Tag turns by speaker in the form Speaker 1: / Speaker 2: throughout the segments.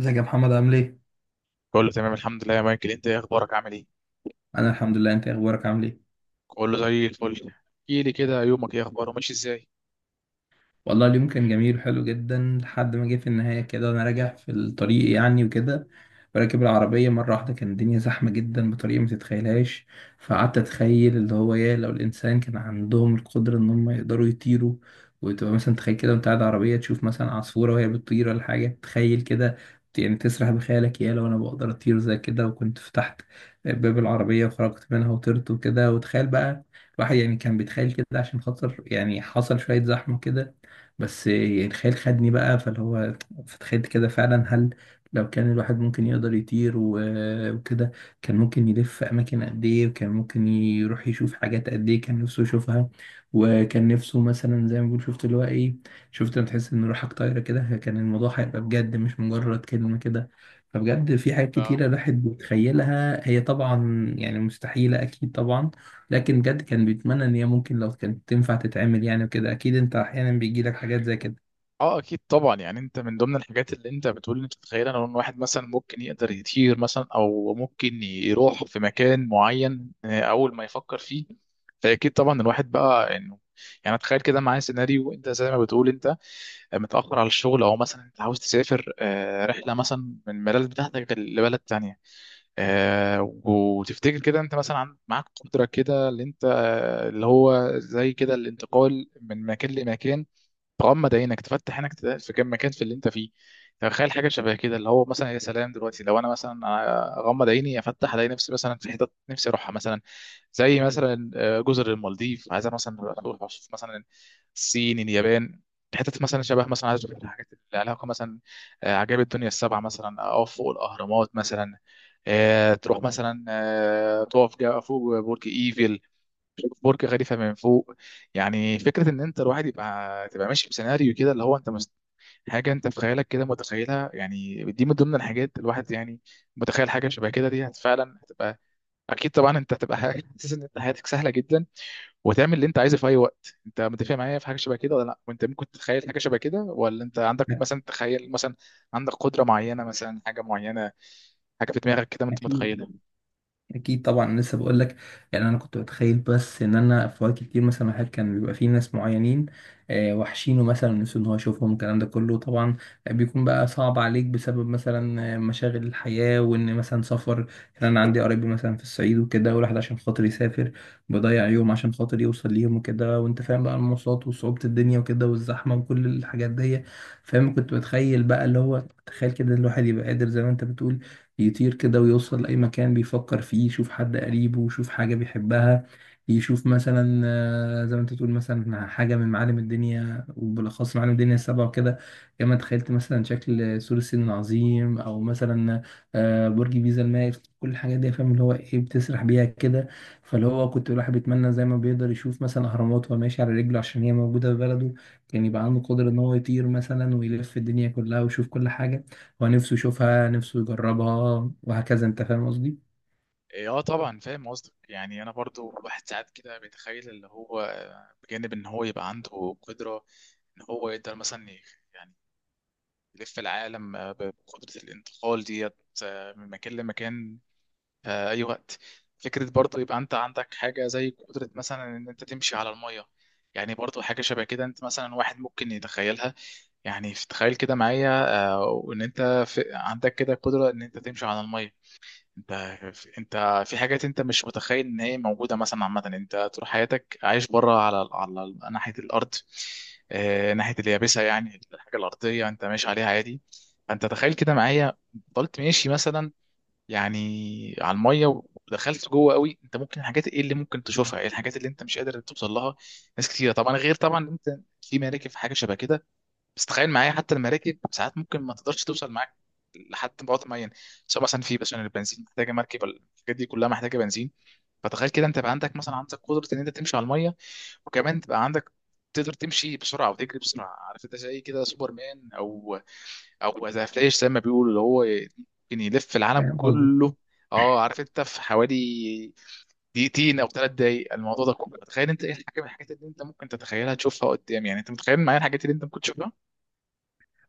Speaker 1: ازيك يا محمد؟ عامل ايه؟
Speaker 2: بقول له تمام الحمد لله يا مايكل، انت ايه اخبارك؟ عامل ايه؟
Speaker 1: انا الحمد لله. انت ايه اخبارك؟ عامل ايه؟
Speaker 2: بقول له زي الفل. احكي لي كده، يومك ايه اخباره؟ ماشي ازاي؟
Speaker 1: والله اليوم كان جميل وحلو جدا، لحد ما جه في النهاية كده وأنا راجع في الطريق وكده. راكب العربية، مرة واحدة كان الدنيا زحمة جدا بطريقة ما تتخيلهاش. فقعدت أتخيل اللي هو إيه، لو الإنسان كان عندهم القدرة إن هم يقدروا يطيروا. وتبقى مثلا تخيل كده، وأنت قاعد عربية تشوف مثلا عصفورة وهي بتطير ولا حاجة، تخيل كده. يعني تسرح بخيالك، يا لو أنا بقدر أطير زي كده، وكنت فتحت باب العربية وخرجت منها وطرت وكده، وتخيل بقى. الواحد كان بيتخيل كده، عشان خاطر حصل شوية زحمة كده. بس يعني الخيال خدني بقى، فاللي هو فتخيلت كده فعلا، هل لو كان الواحد ممكن يقدر يطير وكده، كان ممكن يلف أماكن قد إيه، وكان ممكن يروح يشوف حاجات قد إيه كان نفسه يشوفها. وكان نفسه مثلا زي ما بنقول، شفت اللي هو إيه، شفت لما تحس إن روحك طايرة كده، كان الموضوع هيبقى بجد مش مجرد كلمة كده. فبجد في حاجات كتيرة
Speaker 2: ف-
Speaker 1: الواحد بيتخيلها، هي طبعا يعني مستحيلة أكيد طبعا، لكن بجد كان بيتمنى ان هي ممكن لو كانت تنفع تتعمل وكده. اكيد انت احيانا بيجي لك حاجات زي كده.
Speaker 2: اه، اكيد طبعا. يعني انت من ضمن الحاجات اللي انت بتقول انت تتخيل ان واحد مثلا ممكن يقدر يطير مثلا، او ممكن يروح في مكان معين، اول ما يفكر فيه. فاكيد طبعا الواحد بقى انه، يعني تخيل كده معايا سيناريو، انت زي ما بتقول انت متاخر على الشغل، او مثلا انت عاوز تسافر، رحله مثلا من البلد بتاعتك لبلد تانية، وتفتكر كده انت مثلا معاك قدرة كده، اللي انت اللي هو زي كده الانتقال من مكان لمكان. تغمض عينك تفتح عينك تلاقي في كم مكان في اللي انت فيه. تخيل حاجه شبه كده، اللي هو مثلا يا سلام دلوقتي لو انا مثلا اغمض عيني افتح الاقي نفسي مثلا في حتت نفسي اروحها، مثلا زي مثلا جزر المالديف. عايز أنا مثلا اروح اشوف مثلا الصين، اليابان، حتت مثلا شبه مثلا. عايز اشوف الحاجات اللي لها علاقه مثلا عجائب الدنيا السبعه مثلا، اقف فوق الاهرامات مثلا، تروح مثلا فوق برج ايفل، برج خليفه من فوق. يعني فكره ان انت الواحد يبقى تبقى ماشي بسيناريو كده اللي هو انت حاجه انت في خيالك كده متخيلها. يعني دي من ضمن الحاجات الواحد يعني متخيل حاجه شبه كده، دي فعلا هتبقى، اكيد طبعا انت هتبقى حاجه حاسس ان انت حياتك سهله جدا وتعمل اللي انت عايزه في اي وقت. انت متفق معايا في حاجه شبه كده ولا لا؟ وانت ممكن تتخيل حاجه شبه كده، ولا انت عندك مثلا تخيل مثلا عندك قدره معينه، مثلا حاجه معينه، حاجه في دماغك كده انت
Speaker 1: أكيد.
Speaker 2: متخيلها؟
Speaker 1: اكيد طبعا، أنا لسه بقول لك. يعني انا كنت بتخيل، بس ان انا في وقت كتير مثلا، واحد كان بيبقى فيه ناس معينين، وحشينه مثلا، نفسه ان هو يشوفهم. الكلام ده كله طبعا بيكون بقى صعب عليك بسبب مثلا مشاغل الحياه، وان مثلا سفر. يعني انا عندي قرايبي مثلا في الصعيد وكده، والواحد عشان خاطر يسافر بيضيع يوم عشان خاطر يوصل ليهم وكده. وانت فاهم بقى المواصلات وصعوبه الدنيا وكده والزحمه وكل الحاجات دي، فاهم. كنت بتخيل بقى اللي هو، تخيل كده الواحد يبقى قادر زي ما انت بتقول يطير كده ويوصل لأي مكان بيفكر فيه، يشوف حد قريبه، يشوف حاجة بيحبها، يشوف مثلا زي ما انت تقول مثلا، حاجة من معالم الدنيا وبالأخص معالم الدنيا السبعة وكده. كما تخيلت مثلا شكل سور الصين العظيم، أو مثلا برج بيزا المائل، كل الحاجات دي، فاهم اللي هو ايه، بتسرح بيها كده. فاللي هو كنت الواحد بيتمنى، زي ما بيقدر يشوف مثلا أهرامات وهو ماشي على رجله عشان هي موجودة في بلده، كان يبقى عنده قدرة إن هو يطير مثلا ويلف الدنيا كلها ويشوف كل حاجة هو نفسه يشوفها، نفسه يجربها وهكذا. انت فاهم قصدي؟
Speaker 2: إيه، اه طبعا فاهم قصدك. يعني انا برضو الواحد ساعات كده بيتخيل اللي هو بجانب ان هو يبقى عنده قدرة ان هو يقدر مثلا يعني يلف العالم، بقدرة الانتقال ديت، من مكان لمكان، اي وقت. فكرة برضو يبقى انت عندك حاجة زي قدرة مثلا ان انت تمشي على المية. يعني برضو حاجة شبه كده انت مثلا واحد ممكن يتخيلها. يعني تخيل كده معايا وان انت عندك كده قدرة ان انت تمشي على المية. انت، انت في حاجات انت مش متخيل ان هي موجوده مثلا. عامه انت طول حياتك عايش بره على ناحيه الارض، اه ناحيه اليابسه، يعني الحاجه الارضيه انت ماشي عليها عادي. فانت تخيل كده معايا فضلت ماشي مثلا يعني على الميه، ودخلت جوه قوي، انت ممكن الحاجات ايه اللي ممكن تشوفها، ايه الحاجات اللي انت مش قادر توصل لها؟ ناس كتيره طبعا، غير طبعا انت في مراكب في حاجه شبه كده، بس تخيل معايا حتى المراكب ساعات ممكن ما تقدرش توصل معاك لحد بعد معين. سواء مثلا في مثلا البنزين، محتاجه مركب، الحاجات دي كلها محتاجه بنزين. فتخيل كده، انت يبقى عندك مثلا عندك قدره ان انت تمشي على الميه، وكمان تبقى عندك تقدر تمشي بسرعه وتجري بسرعه، عارف انت زي كده سوبر مان، او ذا فلاش، زي ما بيقولوا، اللي هو ممكن يلف العالم
Speaker 1: فاهم قصدي.
Speaker 2: كله. اه، عارف انت في حوالي دقيقتين او 3 دقايق، الموضوع ده كله، تخيل انت ايه الحاجه من الحاجات اللي انت ممكن تتخيلها تشوفها قدام؟ يعني انت متخيل معايا الحاجات اللي انت ممكن تشوفها؟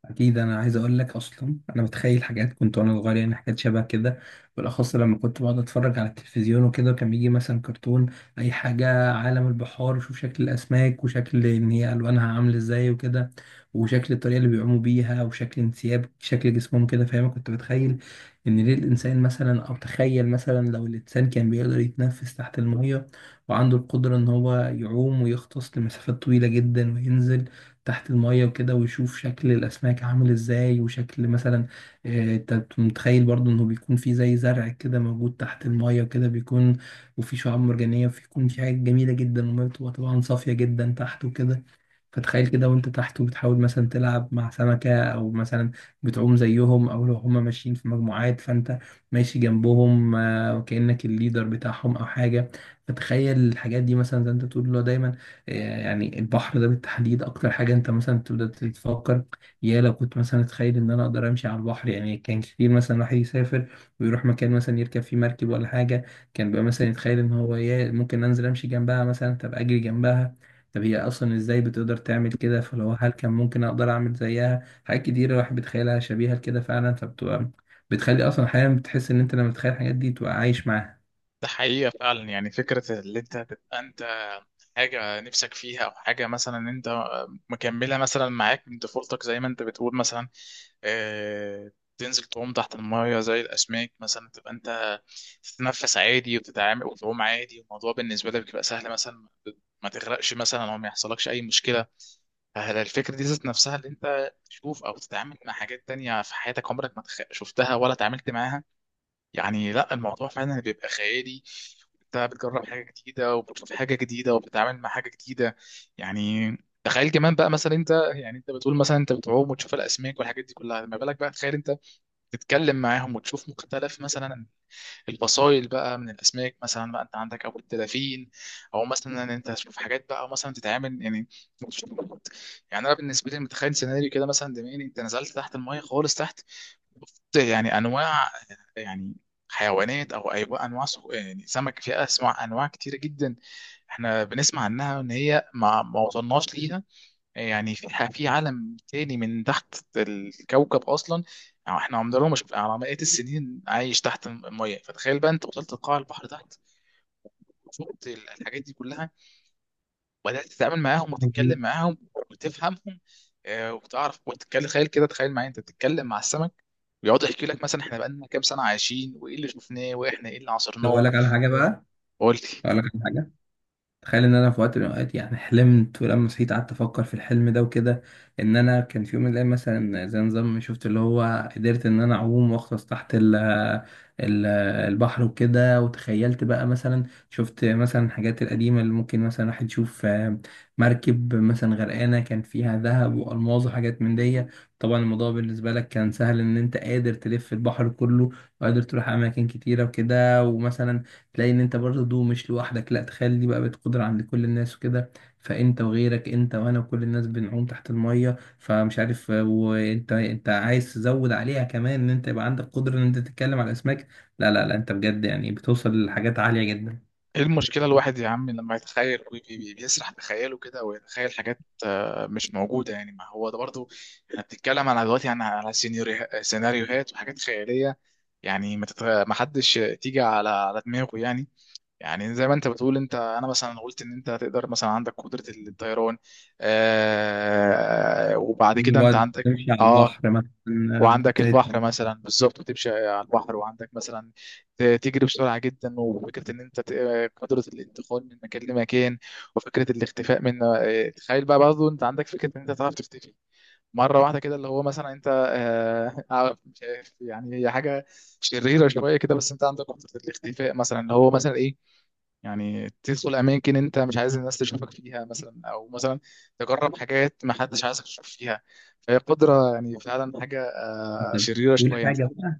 Speaker 1: اكيد انا عايز اقول لك، اصلا انا بتخيل حاجات كنت وانا صغير، يعني حاجات شبه كده، بالاخص لما كنت بقعد اتفرج على التلفزيون وكده، وكان بيجي مثلا كرتون اي حاجه عالم البحار، وشوف شكل الاسماك وشكل ان هي الوانها عامله ازاي وكده، وشكل الطريقه اللي بيعوموا بيها وشكل انسياب شكل جسمهم كده، فاهم. كنت بتخيل ان ليه الانسان مثلا، او تخيل مثلا لو الانسان كان بيقدر يتنفس تحت الميه، وعنده القدره ان هو يعوم ويغطس لمسافات طويله جدا، وينزل تحت المية وكده، ويشوف شكل الأسماك عامل إزاي، وشكل مثلا أنت متخيل برضو إنه بيكون في زي زرع كده موجود تحت المية وكده بيكون، وفي شعاب مرجانية، وفي يكون في حاجات جميلة جدا، والمية بتبقى طبعا صافية جدا تحت وكده. فتخيل كده وانت تحت وبتحاول مثلا تلعب مع سمكة، او مثلا بتعوم زيهم، او لو هما ماشيين في مجموعات فانت ماشي جنبهم، وكأنك الليدر بتاعهم او حاجة. فتخيل الحاجات دي، مثلا زي انت بتقول له دايما، آه، يعني البحر ده بالتحديد اكتر حاجة انت مثلا تبدأ تتفكر، يا لو كنت مثلا اتخيل ان انا اقدر امشي على البحر. يعني كان كتير مثلا الواحد يسافر ويروح مكان مثلا يركب فيه مركب ولا حاجة، كان بقى مثلا يتخيل ان هو، يا ممكن انزل امشي جنبها مثلا، تبقى اجري جنبها. طب هي اصلا ازاي بتقدر تعمل كده؟ فلو هل كان ممكن اقدر اعمل زيها؟ حاجات كتيره الواحد بيتخيلها شبيهه لكده فعلا، فبتبقى بتخلي اصلا احيانا بتحس ان انت لما بتتخيل الحاجات دي تبقى عايش معاها.
Speaker 2: ده حقيقة فعلا. يعني فكرة اللي انت تبقى انت حاجة نفسك فيها، او حاجة مثلا انت مكملة مثلا معاك من طفولتك، زي ما انت بتقول مثلا، اه، تنزل تعوم تحت المية زي الأسماك مثلا، تبقى انت تتنفس عادي وتتعامل وتعوم عادي، الموضوع بالنسبة لك بيبقى سهل، مثلا ما تغرقش مثلا او ما يحصلكش أي مشكلة. هل الفكرة دي ذات نفسها اللي انت تشوف او تتعامل مع حاجات تانية في حياتك عمرك ما شفتها ولا اتعاملت معاها؟ يعني لا، الموضوع فعلا بيبقى خيالي، انت بتجرب حاجه جديده وبتشوف حاجه جديده وبتتعامل مع حاجه جديده. يعني تخيل كمان بقى مثلا، انت يعني انت بتقول مثلا انت بتعوم وتشوف الاسماك والحاجات دي كلها، ما بالك بقى تخيل انت تتكلم معاهم وتشوف مختلف مثلا الفصائل بقى من الاسماك، مثلا بقى انت عندك او الدلافين، او مثلا ان انت تشوف حاجات بقى، او مثلا تتعامل يعني وتشوف. يعني انا بالنسبه لي متخيل سيناريو كده، مثلا دماغي انت نزلت تحت الميه خالص تحت. بص، يعني انواع، يعني حيوانات او ايوه انواع يعني سمك، فيها اسماء انواع كتيره جدا احنا بنسمع عنها ان هي ما وصلناش ليها. يعني في عالم تاني من تحت الكوكب اصلا، يعني احنا عمرنا ما شفنا على مئات السنين عايش تحت الميه. فتخيل بقى انت وصلت لقاع البحر تحت، وشفت الحاجات دي كلها، وبدات تتعامل معاهم
Speaker 1: مظبوط.
Speaker 2: وتتكلم معاهم وتفهمهم، وتعرف وتتكلم. تخيل كده، تخيل معايا انت بتتكلم مع السمك، بيقعد يحكي لك مثلا احنا بقالنا كام سنه عايشين، وايه اللي شفناه، واحنا ايه اللي
Speaker 1: طب اقول
Speaker 2: عاصرناه.
Speaker 1: لك على حاجه بقى،
Speaker 2: قلت
Speaker 1: اقول لك على حاجه. تخيل ان انا في وقت من الاوقات يعني حلمت، ولما صحيت قعدت افكر في الحلم ده وكده، ان انا كان في يوم من الايام مثلا زي نظام، شفت اللي هو قدرت ان انا اعوم واغطس تحت ال البحر وكده. وتخيلت بقى مثلا شفت مثلا الحاجات القديمه اللي ممكن مثلا واحد يشوف، مركب مثلا غرقانه كان فيها ذهب والماظ وحاجات من دي. طبعا الموضوع بالنسبه لك كان سهل، ان انت قادر تلف البحر كله، وقادر تروح اماكن كتيره وكده. ومثلا تلاقي ان انت برضه مش لوحدك، لا تخيل دي بقى بقت قدرة عند كل الناس وكده. فانت وغيرك، انت وانا وكل الناس بنعوم تحت المية. فمش عارف، وانت انت عايز تزود عليها كمان ان انت يبقى عندك قدرة ان انت تتكلم على الاسماك. لا لا لا، انت بجد يعني بتوصل لحاجات عالية جدا.
Speaker 2: ايه المشكله الواحد يا عم لما يتخيل بيسرح بخياله كده ويتخيل حاجات مش موجوده؟ يعني ما هو ده برضو، احنا بنتكلم على دلوقتي يعني على سيناريوهات وحاجات خياليه. يعني ما حدش تيجي على دماغه يعني. يعني زي ما انت بتقول، انت انا مثلا قلت ان انت تقدر مثلا عندك قدره الطيران، وبعد كده انت
Speaker 1: وقت
Speaker 2: عندك
Speaker 1: تمشي على
Speaker 2: اه،
Speaker 1: البحر مثلا، آه،
Speaker 2: وعندك
Speaker 1: بت-
Speaker 2: البحر مثلا بالظبط، تمشي على البحر، وعندك مثلا تجري بسرعه جدا، وفكره ان انت قدره الانتقال من مكان لمكان، وفكره الاختفاء من. تخيل بقى برضه انت عندك فكره ان انت تعرف تختفي مره واحده كده، اللي هو مثلا انت مش عارف يعني، هي حاجه شريره شويه كده، بس انت عندك قدره الاختفاء مثلا، اللي هو مثلا ايه، يعني تدخل اماكن انت مش عايز الناس تشوفك فيها، مثلا او مثلا تجرب حاجات ما حدش عايزك تشوف فيها. فهي قدره يعني فعلا حاجه
Speaker 1: بت-
Speaker 2: شريرة
Speaker 1: بتقول
Speaker 2: شوية انت.
Speaker 1: حاجة بقى.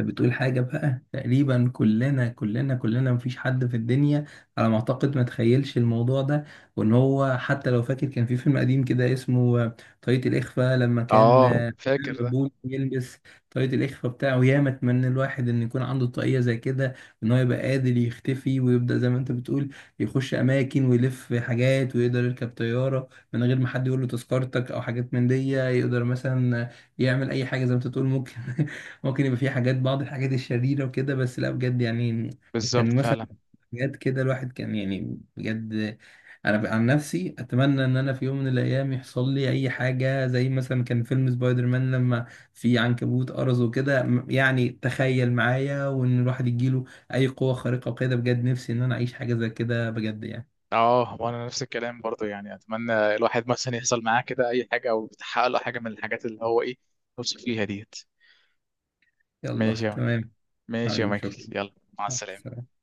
Speaker 1: انت بتقول حاجة بقى، تقريبا كلنا، مفيش حد في الدنيا على ما اعتقد ما تخيلش الموضوع ده. وان هو حتى لو فاكر، كان في فيلم قديم كده اسمه طريقة الإخفاء، لما كان
Speaker 2: اه، فاكر ده.
Speaker 1: مبول يلبس طاقية الإخفاء بتاعه. ياما اتمنى الواحد إن يكون عنده طاقية زي كده، إن هو يبقى قادر يختفي، ويبدأ زي ما أنت بتقول يخش أماكن ويلف حاجات، ويقدر يركب طيارة من غير ما حد يقول له تذكرتك أو حاجات من دي، يقدر مثلا يعمل أي حاجة زي ما أنت تقول. ممكن ممكن يبقى في حاجات، بعض الحاجات الشريرة وكده، بس لا بجد يعني كان
Speaker 2: بالظبط
Speaker 1: مثلا
Speaker 2: فعلا.
Speaker 1: حاجات كده، الواحد كان يعني بجد. انا عن نفسي اتمنى ان انا في يوم من الايام يحصل لي اي حاجة زي مثلا، كان فيلم سبايدر مان لما في عنكبوت قرص وكده، يعني تخيل معايا، وان الواحد يجيله اي قوة خارقة وكده. بجد نفسي ان انا اعيش حاجة زي كده، بجد يعني.
Speaker 2: اه، وانا نفس الكلام برضه، يعني اتمنى الواحد مثلا يحصل معاه كده اي حاجة، او يتحقق له حاجة من الحاجات اللي هو ايه نفسه فيها ديت.
Speaker 1: يلا
Speaker 2: ماشي يا مايكل،
Speaker 1: تمام.
Speaker 2: ماشي يا
Speaker 1: حبيبي
Speaker 2: مايكل،
Speaker 1: شكرا،
Speaker 2: يلا مع
Speaker 1: مع
Speaker 2: السلامة.
Speaker 1: السلامة.